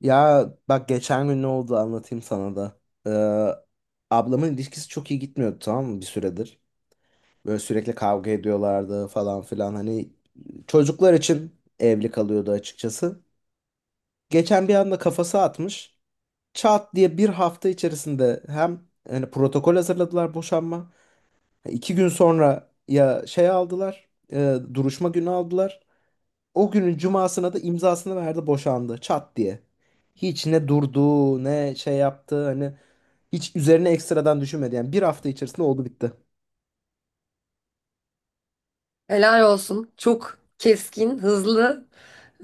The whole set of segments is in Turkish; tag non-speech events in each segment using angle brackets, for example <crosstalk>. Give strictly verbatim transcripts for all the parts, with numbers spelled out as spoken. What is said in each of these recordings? Ya bak geçen gün ne oldu anlatayım sana da. Ee, Ablamın ilişkisi çok iyi gitmiyordu, tamam mı, bir süredir. Böyle sürekli kavga ediyorlardı falan filan. Hani çocuklar için evli kalıyordu açıkçası. Geçen bir anda kafası atmış. Çat diye bir hafta içerisinde hem hani protokol hazırladılar boşanma. İki gün sonra ya şey aldılar. E, duruşma günü aldılar. O günün cumasına da imzasını verdi, boşandı çat diye. Hiç ne durdu ne şey yaptı, hani hiç üzerine ekstradan düşünmedi. Yani bir hafta içerisinde oldu bitti. Helal olsun. Çok keskin, hızlı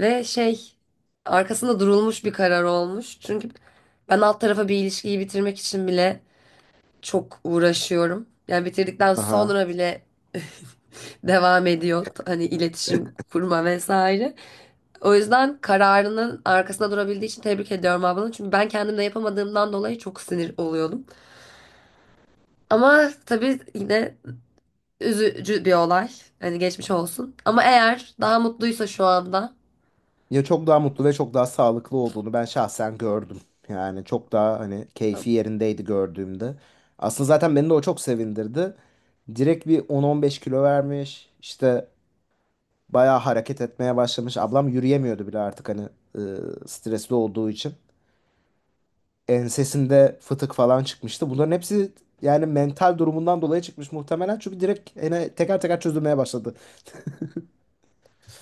ve şey arkasında durulmuş bir karar olmuş. Çünkü ben alt tarafa bir ilişkiyi bitirmek için bile çok uğraşıyorum. Yani bitirdikten Aha. sonra bile <laughs> devam ediyor. Hani iletişim kurma vesaire. O yüzden kararının arkasında durabildiği için tebrik ediyorum ablanı. Çünkü ben kendim de yapamadığımdan dolayı çok sinir oluyordum. Ama tabii yine üzücü bir olay. Hani geçmiş olsun. Ama eğer daha mutluysa şu anda. Ya çok daha mutlu ve çok daha sağlıklı olduğunu ben şahsen gördüm. Yani çok daha hani keyfi Tabii, yerindeydi gördüğümde. Aslında zaten beni de o çok sevindirdi. Direkt bir on on beş kilo vermiş. İşte bayağı hareket etmeye başlamış. Ablam yürüyemiyordu bile artık, hani e, stresli olduğu için. Ensesinde fıtık falan çıkmıştı. Bunların hepsi yani mental durumundan dolayı çıkmış muhtemelen. Çünkü direkt hani teker teker çözülmeye başladı.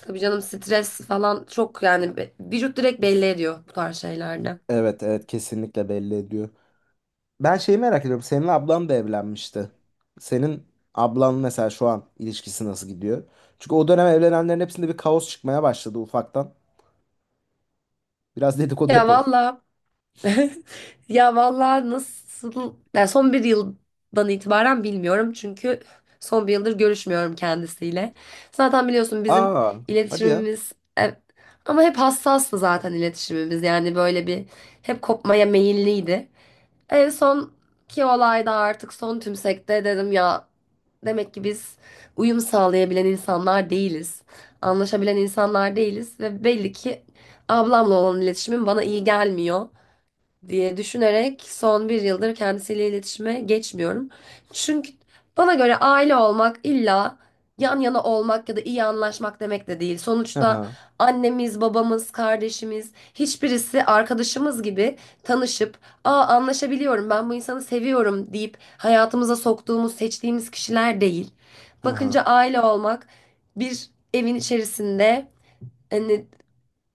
tabii canım, stres falan çok, yani be- vücut direkt belli ediyor bu tarz şeylerde. Evet, evet, kesinlikle belli ediyor. Ben şeyi merak ediyorum. Senin ablan da evlenmişti. Senin ablan mesela şu an ilişkisi nasıl gidiyor? Çünkü o dönem evlenenlerin hepsinde bir kaos çıkmaya başladı ufaktan. Biraz dedikodu Ya yapalım. valla, <laughs> ya valla, nasıl yani, son bir yıldan itibaren bilmiyorum çünkü son bir yıldır görüşmüyorum kendisiyle. Zaten biliyorsun bizim Aa, hadi ya. iletişimimiz, e, ama hep hassastı zaten iletişimimiz, yani böyle bir, hep kopmaya meyilliydi. En son ki olayda artık son tümsekte dedim ya. Demek ki biz uyum sağlayabilen insanlar değiliz. Anlaşabilen insanlar değiliz ve belli ki ablamla olan iletişimim bana iyi gelmiyor diye düşünerek son bir yıldır kendisiyle iletişime geçmiyorum. Çünkü bana göre aile olmak illa yan yana olmak ya da iyi anlaşmak demek de değil. Sonuçta Aha, annemiz, babamız, kardeşimiz, hiçbirisi arkadaşımız gibi tanışıp, "Aa, anlaşabiliyorum, ben bu insanı seviyorum." deyip hayatımıza soktuğumuz, seçtiğimiz kişiler değil. aha. Bakınca aile olmak bir evin içerisinde, hani,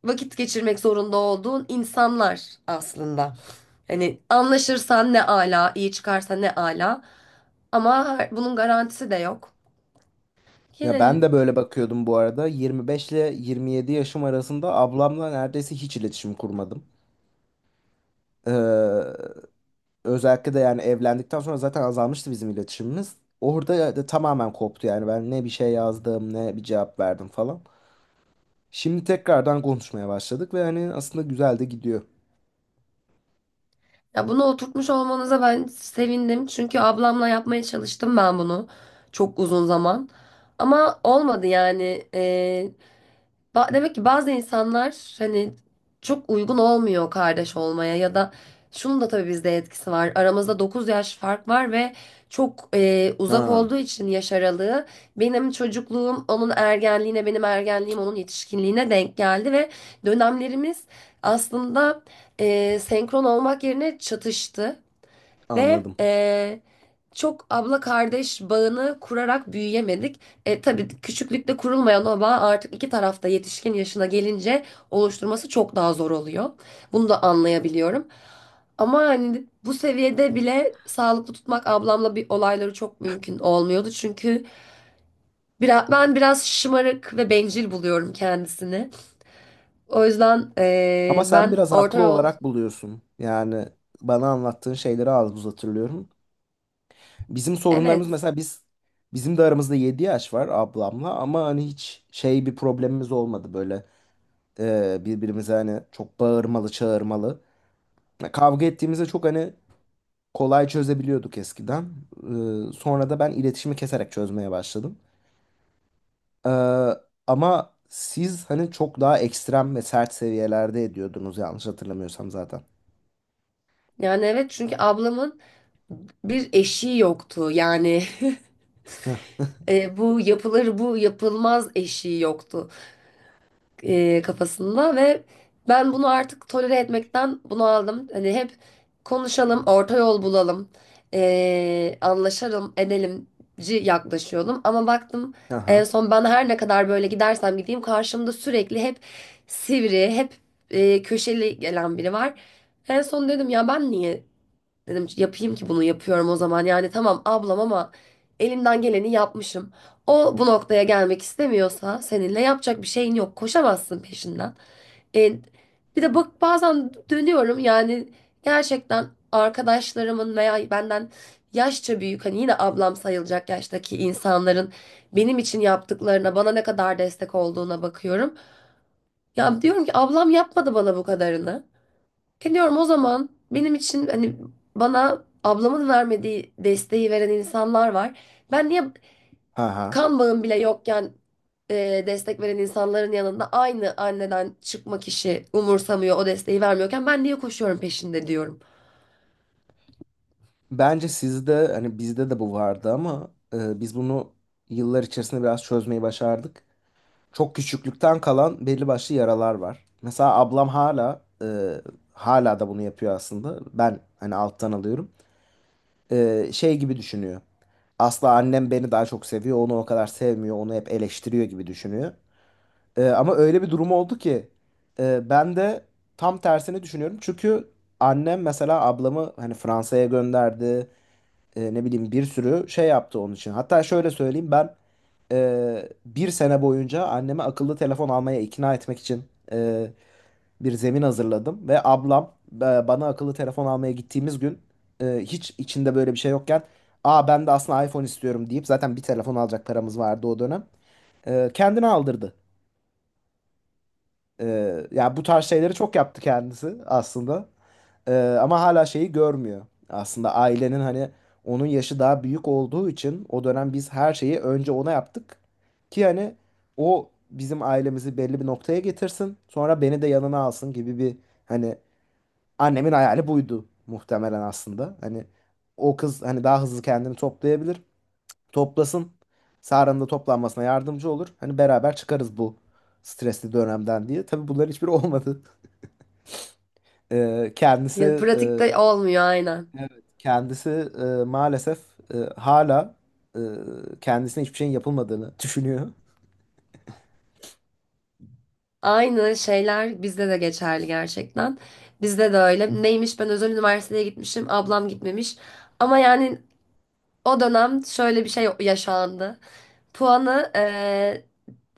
vakit geçirmek zorunda olduğun insanlar aslında. Hani anlaşırsan ne ala, iyi çıkarsa ne ala. Ama her- bunun garantisi de yok. Ya ben Yine, de böyle bakıyordum bu arada. yirmi beş ile yirmi yedi yaşım arasında ablamla neredeyse hiç iletişim kurmadım. Ee, Özellikle de yani evlendikten sonra zaten azalmıştı bizim iletişimimiz. Orada da tamamen koptu, yani ben ne bir şey yazdım ne bir cevap verdim falan. Şimdi tekrardan konuşmaya başladık ve hani aslında güzel de gidiyor. ya bunu oturtmuş olmanıza ben sevindim. Çünkü ablamla yapmaya çalıştım ben bunu çok uzun zaman. Ama olmadı yani. Ee, Ba- Demek ki bazı insanlar, hani, çok uygun olmuyor kardeş olmaya ya da, şunun da tabii bizde etkisi var. Aramızda dokuz yaş fark var ve çok e, uzak Ha, olduğu için yaş aralığı, benim çocukluğum onun ergenliğine, benim ergenliğim onun yetişkinliğine denk geldi ve dönemlerimiz aslında, e, senkron olmak yerine çatıştı. Ve anladım. eee, çok abla kardeş bağını kurarak büyüyemedik. E, tabii küçüklükte kurulmayan o bağ artık iki tarafta yetişkin yaşına gelince oluşturması çok daha zor oluyor. Bunu da anlayabiliyorum. Ama hani bu seviyede bile sağlıklı tutmak ablamla bir olayları çok mümkün olmuyordu. Çünkü biraz, ben biraz şımarık ve bencil buluyorum kendisini. O yüzden Ama eee, sen ben biraz orta haklı yol, olarak buluyorsun. Yani bana anlattığın şeyleri az buz hatırlıyorum. Bizim sorunlarımız evet, mesela biz Bizim de aramızda yedi yaş var ablamla, ama hani hiç şey bir problemimiz olmadı böyle, e, birbirimize hani çok bağırmalı çağırmalı. Ya kavga ettiğimizde çok hani kolay çözebiliyorduk eskiden. E, sonra da ben iletişimi keserek çözmeye başladım. Ee, Ama siz hani çok daha ekstrem ve sert seviyelerde ediyordunuz yanlış hatırlamıyorsam zaten. yani evet, çünkü ablamın bir eşiği yoktu. Yani, Heh, <laughs> e, bu yapılır bu yapılmaz eşiği yoktu e, kafasında ve ben bunu artık tolere etmekten bunu aldım. Hani hep konuşalım, orta yol bulalım, e, anlaşalım, edelimci yaklaşıyordum. Ama baktım en aha. son ben her ne kadar böyle gidersem gideyim karşımda sürekli hep sivri, hep e, köşeli gelen biri var. En son dedim ya, ben niye dedim yapayım ki bunu, yapıyorum o zaman. Yani tamam ablam, ama elimden geleni yapmışım. O bu noktaya gelmek istemiyorsa seninle yapacak bir şeyin yok. Koşamazsın peşinden. E, bir de bak, bazen dönüyorum, yani gerçekten arkadaşlarımın veya benden yaşça büyük, hani yine ablam sayılacak yaştaki insanların benim için yaptıklarına, bana ne kadar destek olduğuna bakıyorum. Ya diyorum ki ablam yapmadı bana bu kadarını. E diyorum, o zaman benim için, hani, bana ablamın vermediği desteği veren insanlar var. Ben niye Aha. kan bağım bile yokken, e, destek veren insanların yanında, aynı anneden çıkma kişi umursamıyor o desteği vermiyorken, ben niye koşuyorum peşinde diyorum. Bence sizde hani bizde de bu vardı, ama e, biz bunu yıllar içerisinde biraz çözmeyi başardık. Çok küçüklükten kalan belli başlı yaralar var. Mesela ablam hala e, hala da bunu yapıyor aslında. Ben hani alttan alıyorum. E, şey gibi düşünüyor. Asla, annem beni daha çok seviyor, onu o kadar sevmiyor, onu hep eleştiriyor gibi düşünüyor. Ee, ama öyle bir durum oldu ki e, ben de tam tersini düşünüyorum. Çünkü annem mesela ablamı hani Fransa'ya gönderdi. E, ne bileyim bir sürü şey yaptı onun için. Hatta şöyle söyleyeyim, ben e, bir sene boyunca anneme akıllı telefon almaya ikna etmek için e, bir zemin hazırladım. Ve ablam, e, bana akıllı telefon almaya gittiğimiz gün, e, hiç içinde böyle bir şey yokken, aa ben de aslında iPhone istiyorum deyip, zaten bir telefon alacak paramız vardı o dönem. E, kendine aldırdı. Ee, yani bu tarz şeyleri çok yaptı kendisi aslında. Ee, ama hala şeyi görmüyor. Aslında ailenin hani, onun yaşı daha büyük olduğu için o dönem biz her şeyi önce ona yaptık. Ki hani o bizim ailemizi belli bir noktaya getirsin. Sonra beni de yanına alsın gibi bir, hani annemin hayali buydu muhtemelen aslında. Hani o kız hani daha hızlı kendini toplayabilir, toplasın. Sara'nın da toplanmasına yardımcı olur. Hani beraber çıkarız bu stresli dönemden diye. Tabii bunların hiçbiri <laughs> olmadı. Ee, kendisi Ya e, pratikte olmuyor aynen. evet, Kendisi e, maalesef e, hala e, kendisine hiçbir şeyin yapılmadığını düşünüyor. Aynı şeyler bizde de geçerli gerçekten. Bizde de öyle. Neymiş, ben özel üniversiteye gitmişim, ablam gitmemiş. Ama yani o dönem şöyle bir şey yaşandı. Puanı e,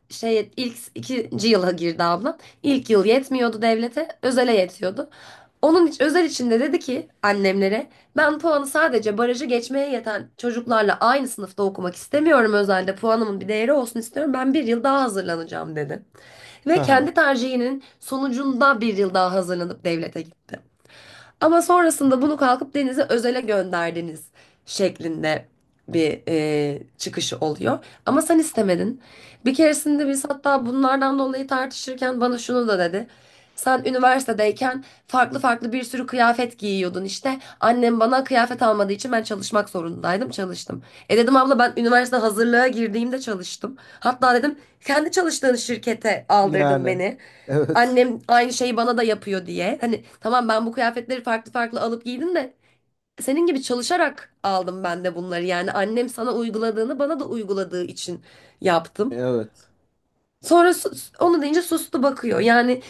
şey ilk ikinci yıla girdi ablam. İlk yıl yetmiyordu devlete, özele yetiyordu. Onun için özel içinde dedi ki annemlere, ben puanı sadece barajı geçmeye yeten çocuklarla aynı sınıfta okumak istemiyorum, özelde puanımın bir değeri olsun istiyorum. Ben bir yıl daha hazırlanacağım dedi. Ve Aha. kendi tercihinin sonucunda bir yıl daha hazırlanıp devlete gitti. Ama sonrasında bunu kalkıp, "Denize özele gönderdiniz," şeklinde bir e, çıkışı oluyor. Ama sen istemedin. Bir keresinde biz hatta bunlardan dolayı tartışırken bana şunu da dedi. "Sen üniversitedeyken farklı farklı bir sürü kıyafet giyiyordun işte. Annem bana kıyafet almadığı için ben çalışmak zorundaydım. Çalıştım." E dedim, abla, ben üniversite hazırlığa girdiğimde çalıştım. Hatta dedim kendi çalıştığın şirkete aldırdın Yani beni, evet. annem aynı şeyi bana da yapıyor diye. Hani tamam ben bu kıyafetleri farklı farklı alıp giydim de senin gibi çalışarak aldım ben de bunları. Yani annem sana uyguladığını bana da uyguladığı için yaptım. Evet. Sonra sus- onu deyince sustu, bakıyor. Yani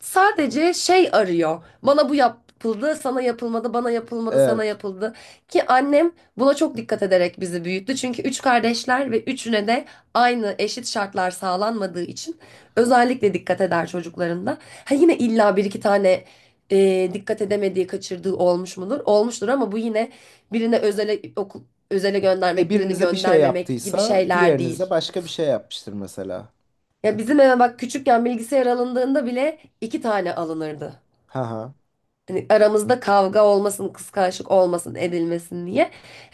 sadece şey arıyor. Bana bu yapıldı, sana yapılmadı, bana yapılmadı, Evet. sana yapıldı. Ki annem buna çok dikkat ederek bizi büyüttü. Çünkü üç kardeşler ve üçüne de aynı eşit şartlar sağlanmadığı için özellikle dikkat eder çocuklarında. Ha, yine illa bir iki tane e, dikkat edemediği, kaçırdığı olmuş mudur? Olmuştur, ama bu yine birine özele okul, özele E göndermek, birini birinize bir şey göndermemek gibi yaptıysa şeyler diğerinize değil. başka bir şey yapmıştır mesela. Ya bizim eve bak, küçükken bilgisayar alındığında bile iki tane alınırdı. Haha. Hani aramızda kavga olmasın, kıskançlık olmasın, edilmesin diye.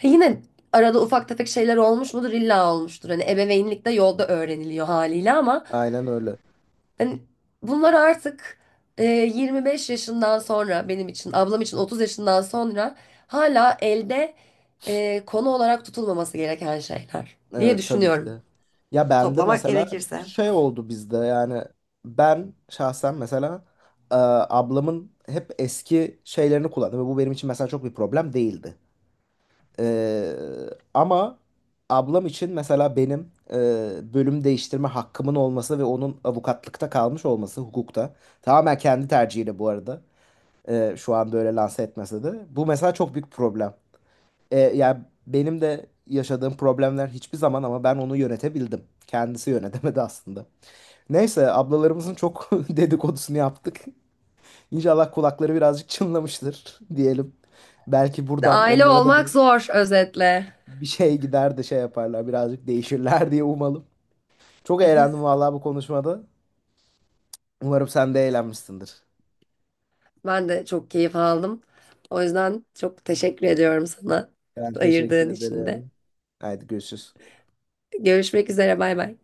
Ha, yine arada ufak tefek şeyler olmuş mudur? İlla olmuştur. Hani ebeveynlik de yolda öğreniliyor haliyle, ama Aynen öyle. hani bunlar artık e, yirmi beş yaşından sonra benim için, ablam için otuz yaşından sonra hala elde e, konu olarak tutulmaması gereken şeyler diye Evet, tabii ki düşünüyorum. de. Ya bende Toplamak mesela gerekirse. şey oldu bizde yani Ben şahsen mesela, e, ablamın hep eski şeylerini kullandım ve bu benim için mesela çok bir problem değildi. E, ama ablam için mesela benim e, bölüm değiştirme hakkımın olması ve onun avukatlıkta kalmış olması, hukukta, tamamen kendi tercihiyle bu arada, e, şu anda öyle lanse etmese de bu mesela çok büyük problem. E, yani benim de yaşadığım problemler hiçbir zaman, ama ben onu yönetebildim. Kendisi yönetemedi aslında. Neyse, ablalarımızın çok <laughs> dedikodusunu yaptık. İnşallah kulakları birazcık çınlamıştır <laughs> diyelim. Belki buradan Aile onlara da olmak bir zor özetle. bir şey gider de şey yaparlar, birazcık değişirler <laughs> diye umalım. Çok eğlendim vallahi bu konuşmada. Umarım sen de eğlenmişsindir. Ben de çok keyif aldım. O yüzden çok teşekkür ediyorum sana Ben teşekkür ayırdığın için de. ederim. Haydi görüşürüz. Görüşmek üzere, bay bay.